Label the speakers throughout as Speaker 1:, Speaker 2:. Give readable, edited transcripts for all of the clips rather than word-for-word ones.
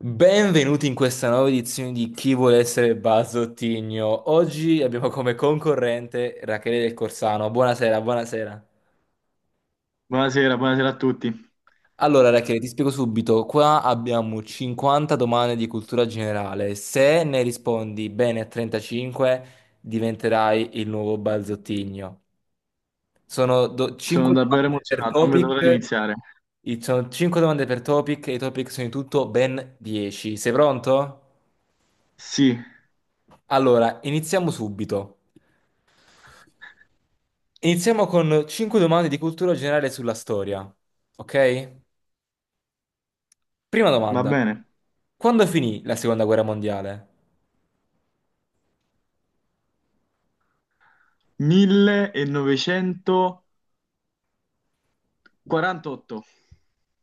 Speaker 1: Benvenuti in questa nuova edizione di Chi vuole essere Bazzottigno. Oggi abbiamo come concorrente Rachele del Corsano. Buonasera, buonasera.
Speaker 2: Buonasera, buonasera a tutti.
Speaker 1: Allora, Rachele, ti spiego subito. Qua abbiamo 50 domande di cultura generale. Se ne rispondi bene a 35, diventerai il nuovo Bazzottigno. Sono
Speaker 2: Sono
Speaker 1: 5
Speaker 2: davvero
Speaker 1: domande per
Speaker 2: emozionato, non vedo l'ora di
Speaker 1: topic.
Speaker 2: iniziare.
Speaker 1: Sono 5 domande per topic e i topic sono in tutto ben 10. Sei pronto?
Speaker 2: Sì,
Speaker 1: Allora, iniziamo subito. Iniziamo con 5 domande di cultura generale sulla storia, ok? Prima
Speaker 2: va
Speaker 1: domanda.
Speaker 2: bene.
Speaker 1: Quando finì la seconda guerra mondiale?
Speaker 2: 1948.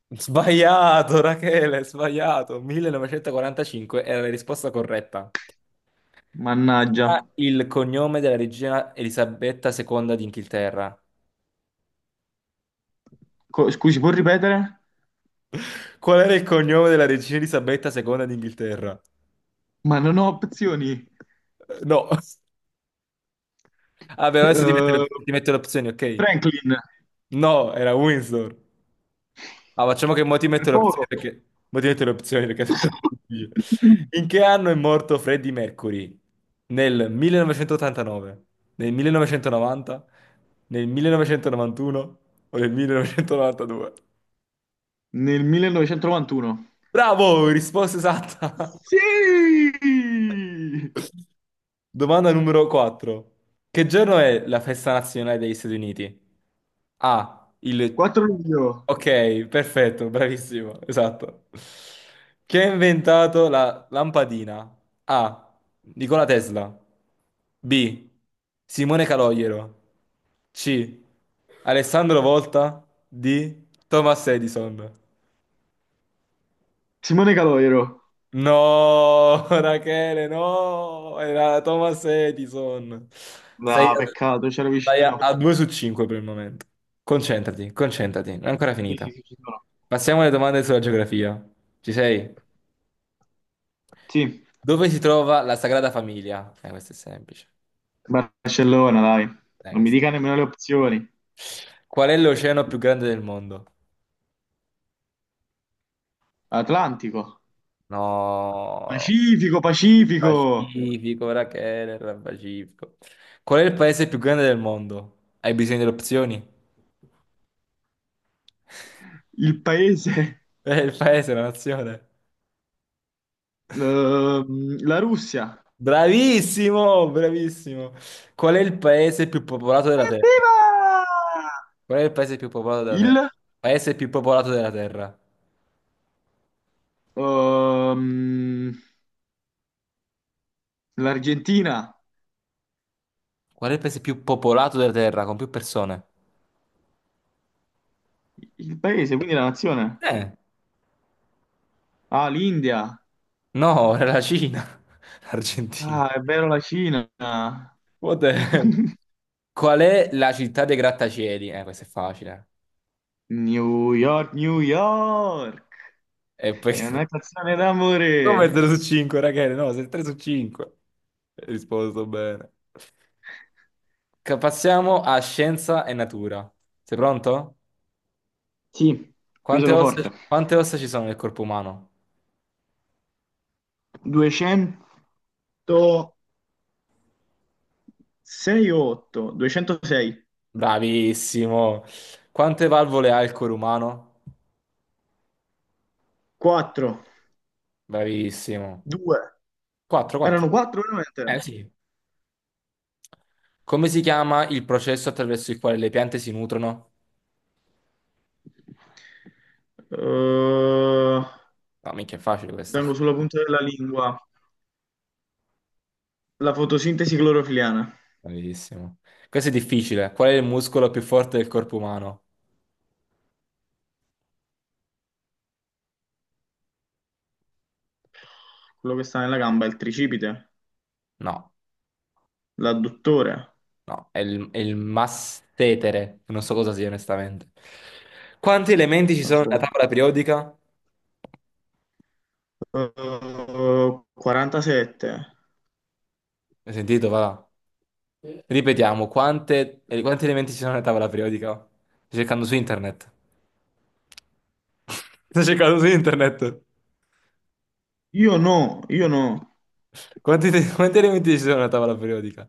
Speaker 1: Sbagliato, Rachele, sbagliato. 1945 era la risposta corretta.
Speaker 2: Mannaggia.
Speaker 1: Ah, il cognome della regina Elisabetta II d'Inghilterra.
Speaker 2: Scusi, può ripetere?
Speaker 1: Qual era il cognome della regina Elisabetta II d'Inghilterra?
Speaker 2: Ma non ho opzioni.
Speaker 1: No. Vabbè, adesso ti metto
Speaker 2: Eh,
Speaker 1: le, ti metto le opzioni, ok?
Speaker 2: Franklin,
Speaker 1: No, era Windsor. Ah, facciamo che mo ti
Speaker 2: per
Speaker 1: metto le opzioni
Speaker 2: poco.
Speaker 1: perché, mo ti metto le opzioni perché, è troppo difficile. In che anno è morto Freddie Mercury? Nel 1989, nel 1990, nel 1991 o nel 1992?
Speaker 2: Nel 1991.
Speaker 1: Bravo! Risposta esatta!
Speaker 2: Sì!
Speaker 1: Domanda numero 4. Che giorno è la festa nazionale degli Stati Uniti? A. Il...
Speaker 2: 4 luglio.
Speaker 1: Ok, perfetto, bravissimo, esatto. Chi ha inventato la lampadina? A. Nikola Tesla. B. Simone Calogero. C. Alessandro Volta. D. Thomas Edison.
Speaker 2: Simone Caloiero.
Speaker 1: No, Rachele, no, era Thomas Edison. Sei
Speaker 2: Ah, peccato, c'era
Speaker 1: a, sei
Speaker 2: vicino.
Speaker 1: a 2 su 5 per il momento. Concentrati, concentrati, non è ancora
Speaker 2: Sì, sì,
Speaker 1: finita.
Speaker 2: sì, ci sono.
Speaker 1: Passiamo alle domande sulla geografia. Ci sei?
Speaker 2: Sì.
Speaker 1: Dove si trova la Sagrada Famiglia? Questo è semplice.
Speaker 2: Barcellona, dai.
Speaker 1: Dai,
Speaker 2: Non mi
Speaker 1: questo-.
Speaker 2: dica nemmeno le opzioni.
Speaker 1: Qual è l'oceano più grande del mondo?
Speaker 2: Atlantico,
Speaker 1: No,
Speaker 2: Pacifico,
Speaker 1: il
Speaker 2: Pacifico,
Speaker 1: Pacifico, Rachele, era il Pacifico. Qual è il paese più grande del mondo? Hai bisogno delle opzioni?
Speaker 2: il paese,
Speaker 1: È il paese, la nazione.
Speaker 2: la Russia.
Speaker 1: Bravissimo, bravissimo. Qual è il paese più popolato della Terra?
Speaker 2: Evviva!
Speaker 1: Qual è il paese più popolato della Terra?
Speaker 2: Il,
Speaker 1: Paese più popolato della Terra.
Speaker 2: ehm, L'Argentina,
Speaker 1: Qual è il paese più popolato della Terra con più persone?
Speaker 2: il paese, quindi la nazione.
Speaker 1: Eh,
Speaker 2: Ah, l'India.
Speaker 1: no, era la Cina. L'Argentina.
Speaker 2: Ah, è vero la Cina.
Speaker 1: What the hell? Qual è la città dei grattacieli? Questo è facile.
Speaker 2: New York, New York.
Speaker 1: E poi.
Speaker 2: È una canzone
Speaker 1: Come 3
Speaker 2: d'amore.
Speaker 1: su 5, ragazzi? No, sei 3 su 5. Hai risposto bene. Passiamo a scienza e natura. Sei pronto?
Speaker 2: Sì, qui
Speaker 1: Quante
Speaker 2: sono
Speaker 1: ossa,
Speaker 2: forte.
Speaker 1: quante ossa ci sono nel corpo umano?
Speaker 2: 206 o 8? 206.
Speaker 1: Bravissimo. Quante valvole ha il cuore umano?
Speaker 2: 4.
Speaker 1: Bravissimo.
Speaker 2: 2.
Speaker 1: 4, 4.
Speaker 2: Erano 4
Speaker 1: Eh
Speaker 2: veramente?
Speaker 1: sì. Come si chiama il processo attraverso il quale le piante si nutrono?
Speaker 2: Eh,
Speaker 1: No, minchia, è facile questa.
Speaker 2: Tengo sulla punta della lingua la fotosintesi clorofiliana,
Speaker 1: Bravissimo. Questo è difficile. Qual è il muscolo più forte del corpo umano?
Speaker 2: quello che sta nella gamba, è il tricipite,
Speaker 1: No,
Speaker 2: l'adduttore.
Speaker 1: no, è il massetere. Non so cosa sia, onestamente. Quanti elementi ci sono nella
Speaker 2: Insomma.
Speaker 1: tavola periodica?
Speaker 2: 47.
Speaker 1: Hai sentito? Va. Sì. Ripetiamo, quanti elementi ci sono nella tavola periodica? Sto cercando su internet. Sto cercando su internet.
Speaker 2: Io no, io no.
Speaker 1: Quanti elementi ci sono nella tavola periodica?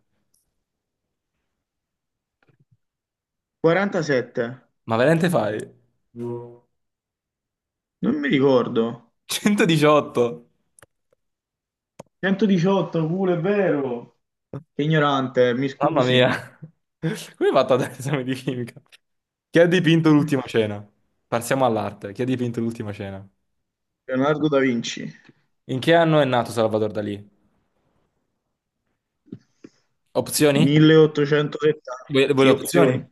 Speaker 2: 47.
Speaker 1: Ma veramente fai? No.
Speaker 2: Non mi ricordo.
Speaker 1: 118.
Speaker 2: 118, pure è vero. Che ignorante, mi
Speaker 1: Mamma
Speaker 2: scusi.
Speaker 1: mia. Come hai fatto ad avere l'esame di chimica? Chi ha dipinto l'ultima cena? Passiamo all'arte. Chi ha dipinto l'ultima cena?
Speaker 2: Leonardo da Vinci,
Speaker 1: In che anno è nato Salvador Dalì? Opzioni?
Speaker 2: 1870.
Speaker 1: Vuoi le
Speaker 2: Sì,
Speaker 1: opzioni?
Speaker 2: opzioni.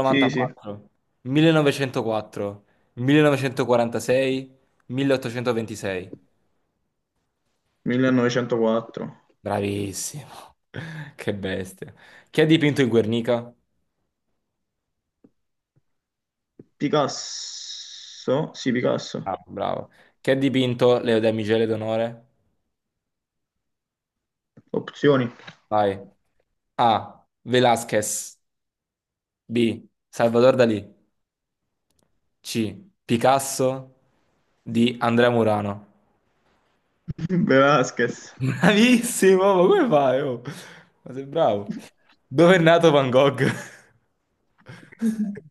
Speaker 2: Sì, sì,
Speaker 1: 1904, 1946, 1826.
Speaker 2: 1904.
Speaker 1: Bravissimo. Che bestia. Chi ha dipinto il Guernica?
Speaker 2: Picasso, sì, Picasso.
Speaker 1: Bravo, bravo. Chi ha dipinto le damigelle d'onore?
Speaker 2: Opzioni.
Speaker 1: Vai. A. Velázquez. B. Salvador Dalì. C. Picasso. D. Andrea Murano.
Speaker 2: Velázquez.
Speaker 1: Bravissimo, ma come fai? Oh? Ma sei bravo. Dove è nato Van Gogh?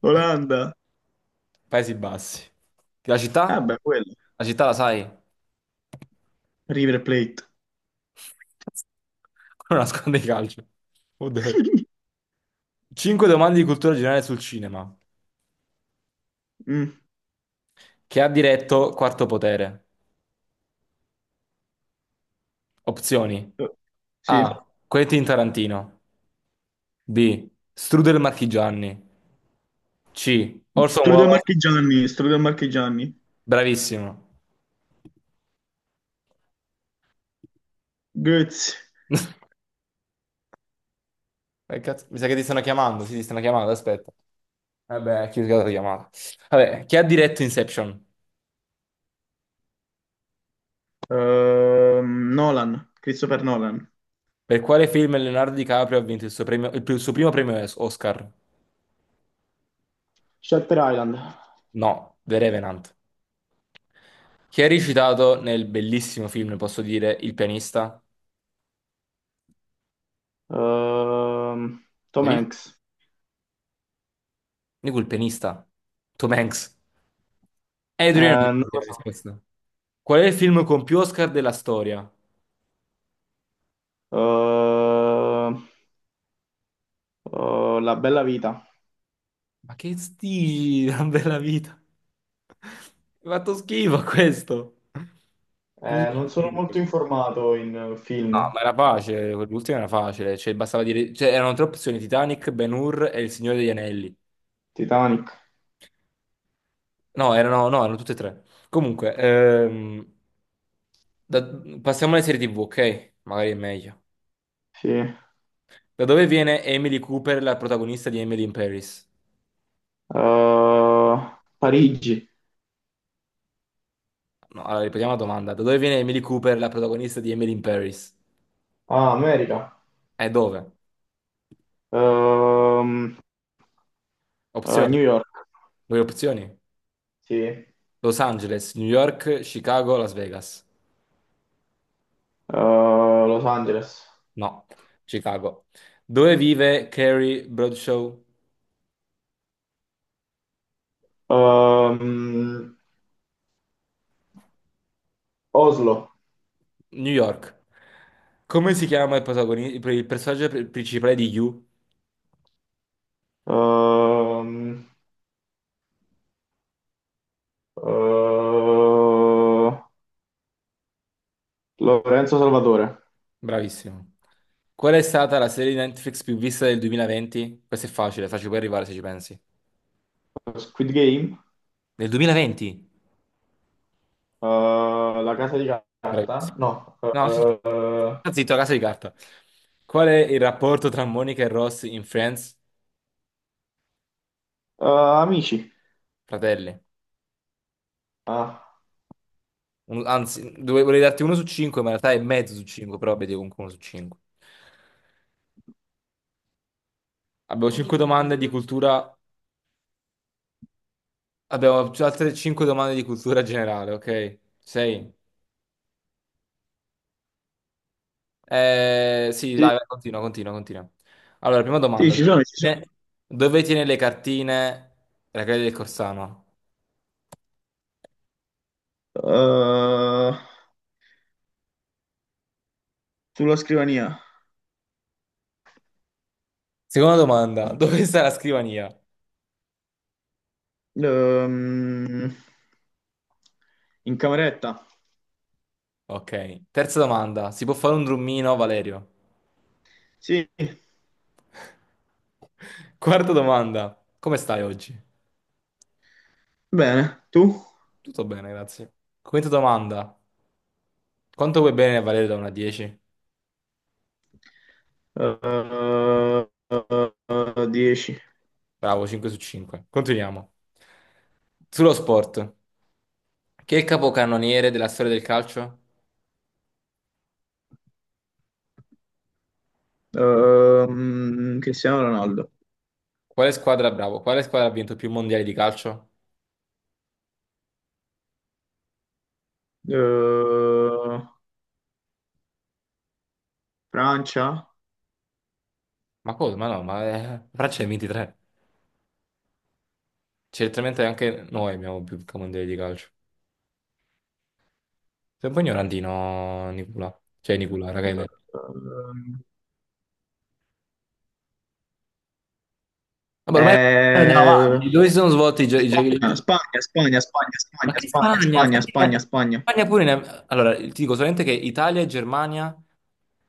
Speaker 2: Olanda.
Speaker 1: Paesi Bassi. La
Speaker 2: Ah,
Speaker 1: città?
Speaker 2: beh, quello.
Speaker 1: La città la sai?
Speaker 2: River Plate.
Speaker 1: Quello nasconde i calcio. 5 domande di cultura generale sul cinema.
Speaker 2: Mm.
Speaker 1: Che ha diretto Quarto Potere? Opzioni.
Speaker 2: Sì.
Speaker 1: A. Quentin Tarantino. B. Strudel Marchigiani. C. Orson
Speaker 2: Strudel
Speaker 1: Welles.
Speaker 2: Marchigiani, Strudel Marchigiani.
Speaker 1: Bravissimo.
Speaker 2: Goetz.
Speaker 1: Cazzo, mi sa che ti stanno chiamando, sì, ti stanno chiamando, aspetta. Vabbè, chi la chiamata. Vabbè, chi ha diretto Inception?
Speaker 2: Nolan, Christopher Nolan.
Speaker 1: Per quale film Leonardo DiCaprio ha vinto il suo primo premio Oscar?
Speaker 2: Shutter Island.
Speaker 1: No, The Revenant. Chi ha recitato nel bellissimo film, posso dire, Il pianista?
Speaker 2: Ehm, Tom
Speaker 1: Hai visto?
Speaker 2: Hanks.
Speaker 1: Dico il pianista. Tom Hanks. Adrian
Speaker 2: Non
Speaker 1: Brody è
Speaker 2: lo
Speaker 1: la
Speaker 2: so.
Speaker 1: risposta. Qual è il film con più Oscar della storia?
Speaker 2: Ehm, La bella vita.
Speaker 1: La bella vita. Mi ha fatto schifo questo.
Speaker 2: Non sono molto informato in
Speaker 1: No,
Speaker 2: film.
Speaker 1: ma era facile, quell'ultimo era facile, cioè bastava dire, cioè erano tre opzioni, Titanic, Ben-Hur e Il Signore degli Anelli.
Speaker 2: Titanic.
Speaker 1: No, erano, no, erano tutte e tre. Comunque, da- passiamo alle serie TV, ok? Magari è meglio.
Speaker 2: Sì.
Speaker 1: Da dove viene Emily Cooper, la protagonista di Emily in Paris?
Speaker 2: Parigi.
Speaker 1: No, allora ripetiamo la domanda. Da dove viene Emily Cooper, la protagonista di Emily in Paris?
Speaker 2: Ah, America.
Speaker 1: E dove?
Speaker 2: Ehm,
Speaker 1: Opzioni.
Speaker 2: New York.
Speaker 1: Due opzioni.
Speaker 2: Sì.
Speaker 1: Los Angeles, New York, Chicago, Las Vegas.
Speaker 2: Los Angeles.
Speaker 1: No, Chicago. Dove vive Carrie Bradshaw?
Speaker 2: Ehm, Oslo.
Speaker 1: New York. Come si chiama il personaggio principale di You?
Speaker 2: Ehm, eh, Lorenzo Salvatore.
Speaker 1: Bravissimo. Qual è stata la serie di Netflix più vista del 2020? Questo è facile, facile puoi arrivare se ci pensi.
Speaker 2: Squid Game.
Speaker 1: Del 2020?
Speaker 2: La casa di carta?
Speaker 1: Bravissimo.
Speaker 2: No.
Speaker 1: No, sì. Sta Zitto, casa di carta. Qual è il rapporto tra Monica e Ross in Friends?
Speaker 2: Eh, Amici.
Speaker 1: Fratelli.
Speaker 2: Ah.
Speaker 1: Anzi, volevo darti 1 su 5, ma in realtà è mezzo su cinque, però vedi comunque 1 su 5. Abbiamo 5 domande di cultura. Abbiamo altre 5 domande di cultura generale, ok? 6. Sì,
Speaker 2: Sì,
Speaker 1: vai, vai, continua, continua, continua. Allora, prima
Speaker 2: sì,
Speaker 1: domanda.
Speaker 2: ci sono, ci sono.
Speaker 1: Dove dove tiene le cartine la credenza del Corsano?
Speaker 2: Eh, Sulla scrivania.
Speaker 1: Seconda domanda. Dove sta la scrivania?
Speaker 2: Ehm, In cameretta.
Speaker 1: Ok. Terza domanda. Si può fare un drummino, Valerio?
Speaker 2: Sì,
Speaker 1: Quarta domanda. Come stai oggi?
Speaker 2: bene. Tu?
Speaker 1: Tutto bene, grazie. Quinta domanda. Quanto vuoi bene, Valerio, da 1 a 10?
Speaker 2: Eh, 10.
Speaker 1: Bravo, 5 su 5. Continuiamo. Sullo sport. Chi è il capocannoniere della storia del calcio?
Speaker 2: Cristiano Ronaldo.
Speaker 1: Quale squadra, bravo, quale squadra ha vinto più mondiali di calcio?
Speaker 2: Eh, Francia?
Speaker 1: Ma cosa? Ma no, ma la Francia ne ha 23. Certamente anche noi abbiamo più mondiali di calcio. Sei un po' ignorantino, Nicola. Cioè, Nicola, raga, hai letto.
Speaker 2: Eh,
Speaker 1: Vabbè, ormai andiamo
Speaker 2: Eh,
Speaker 1: avanti. Dove si sono svolti i
Speaker 2: Spagna,
Speaker 1: giochi?
Speaker 2: Spagna, Spagna, Spagna,
Speaker 1: Ma
Speaker 2: Spagna,
Speaker 1: che
Speaker 2: Spagna,
Speaker 1: Spagna?
Speaker 2: Spagna,
Speaker 1: Spagna,
Speaker 2: Spagna, Spagna.
Speaker 1: Spagna pure Allora, ti dico solamente che Italia e Germania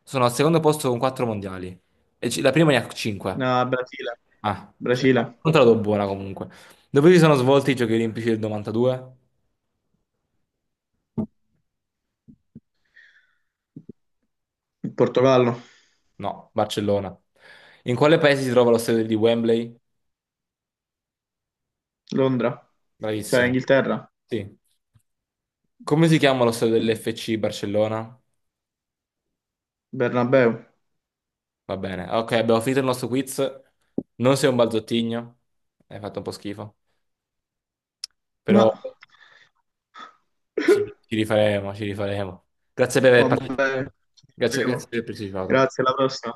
Speaker 1: sono al secondo posto con 4 mondiali. La prima ne ha 5.
Speaker 2: No, Brasile,
Speaker 1: Ah, sì.
Speaker 2: Brasile,
Speaker 1: Non te la do buona comunque. Dove si sono svolti i Giochi Olimpici del 92?
Speaker 2: Portogallo,
Speaker 1: No, Barcellona. In quale paese si trova lo stadio di Wembley?
Speaker 2: Londra, cioè
Speaker 1: Bravissimo.
Speaker 2: Inghilterra,
Speaker 1: Sì. Come si chiama lo stadio dell'FC Barcellona?
Speaker 2: Bernabeu.
Speaker 1: Va bene. Ok, abbiamo finito il nostro quiz. Non sei un balzottino. Hai fatto un po' schifo.
Speaker 2: Ma
Speaker 1: Però ci rifaremo, ci rifaremo. Grazie per aver
Speaker 2: vabbè,
Speaker 1: partecipato.
Speaker 2: ci
Speaker 1: Grazie,
Speaker 2: vedremo.
Speaker 1: grazie per aver partecipato.
Speaker 2: Grazie, alla prossima.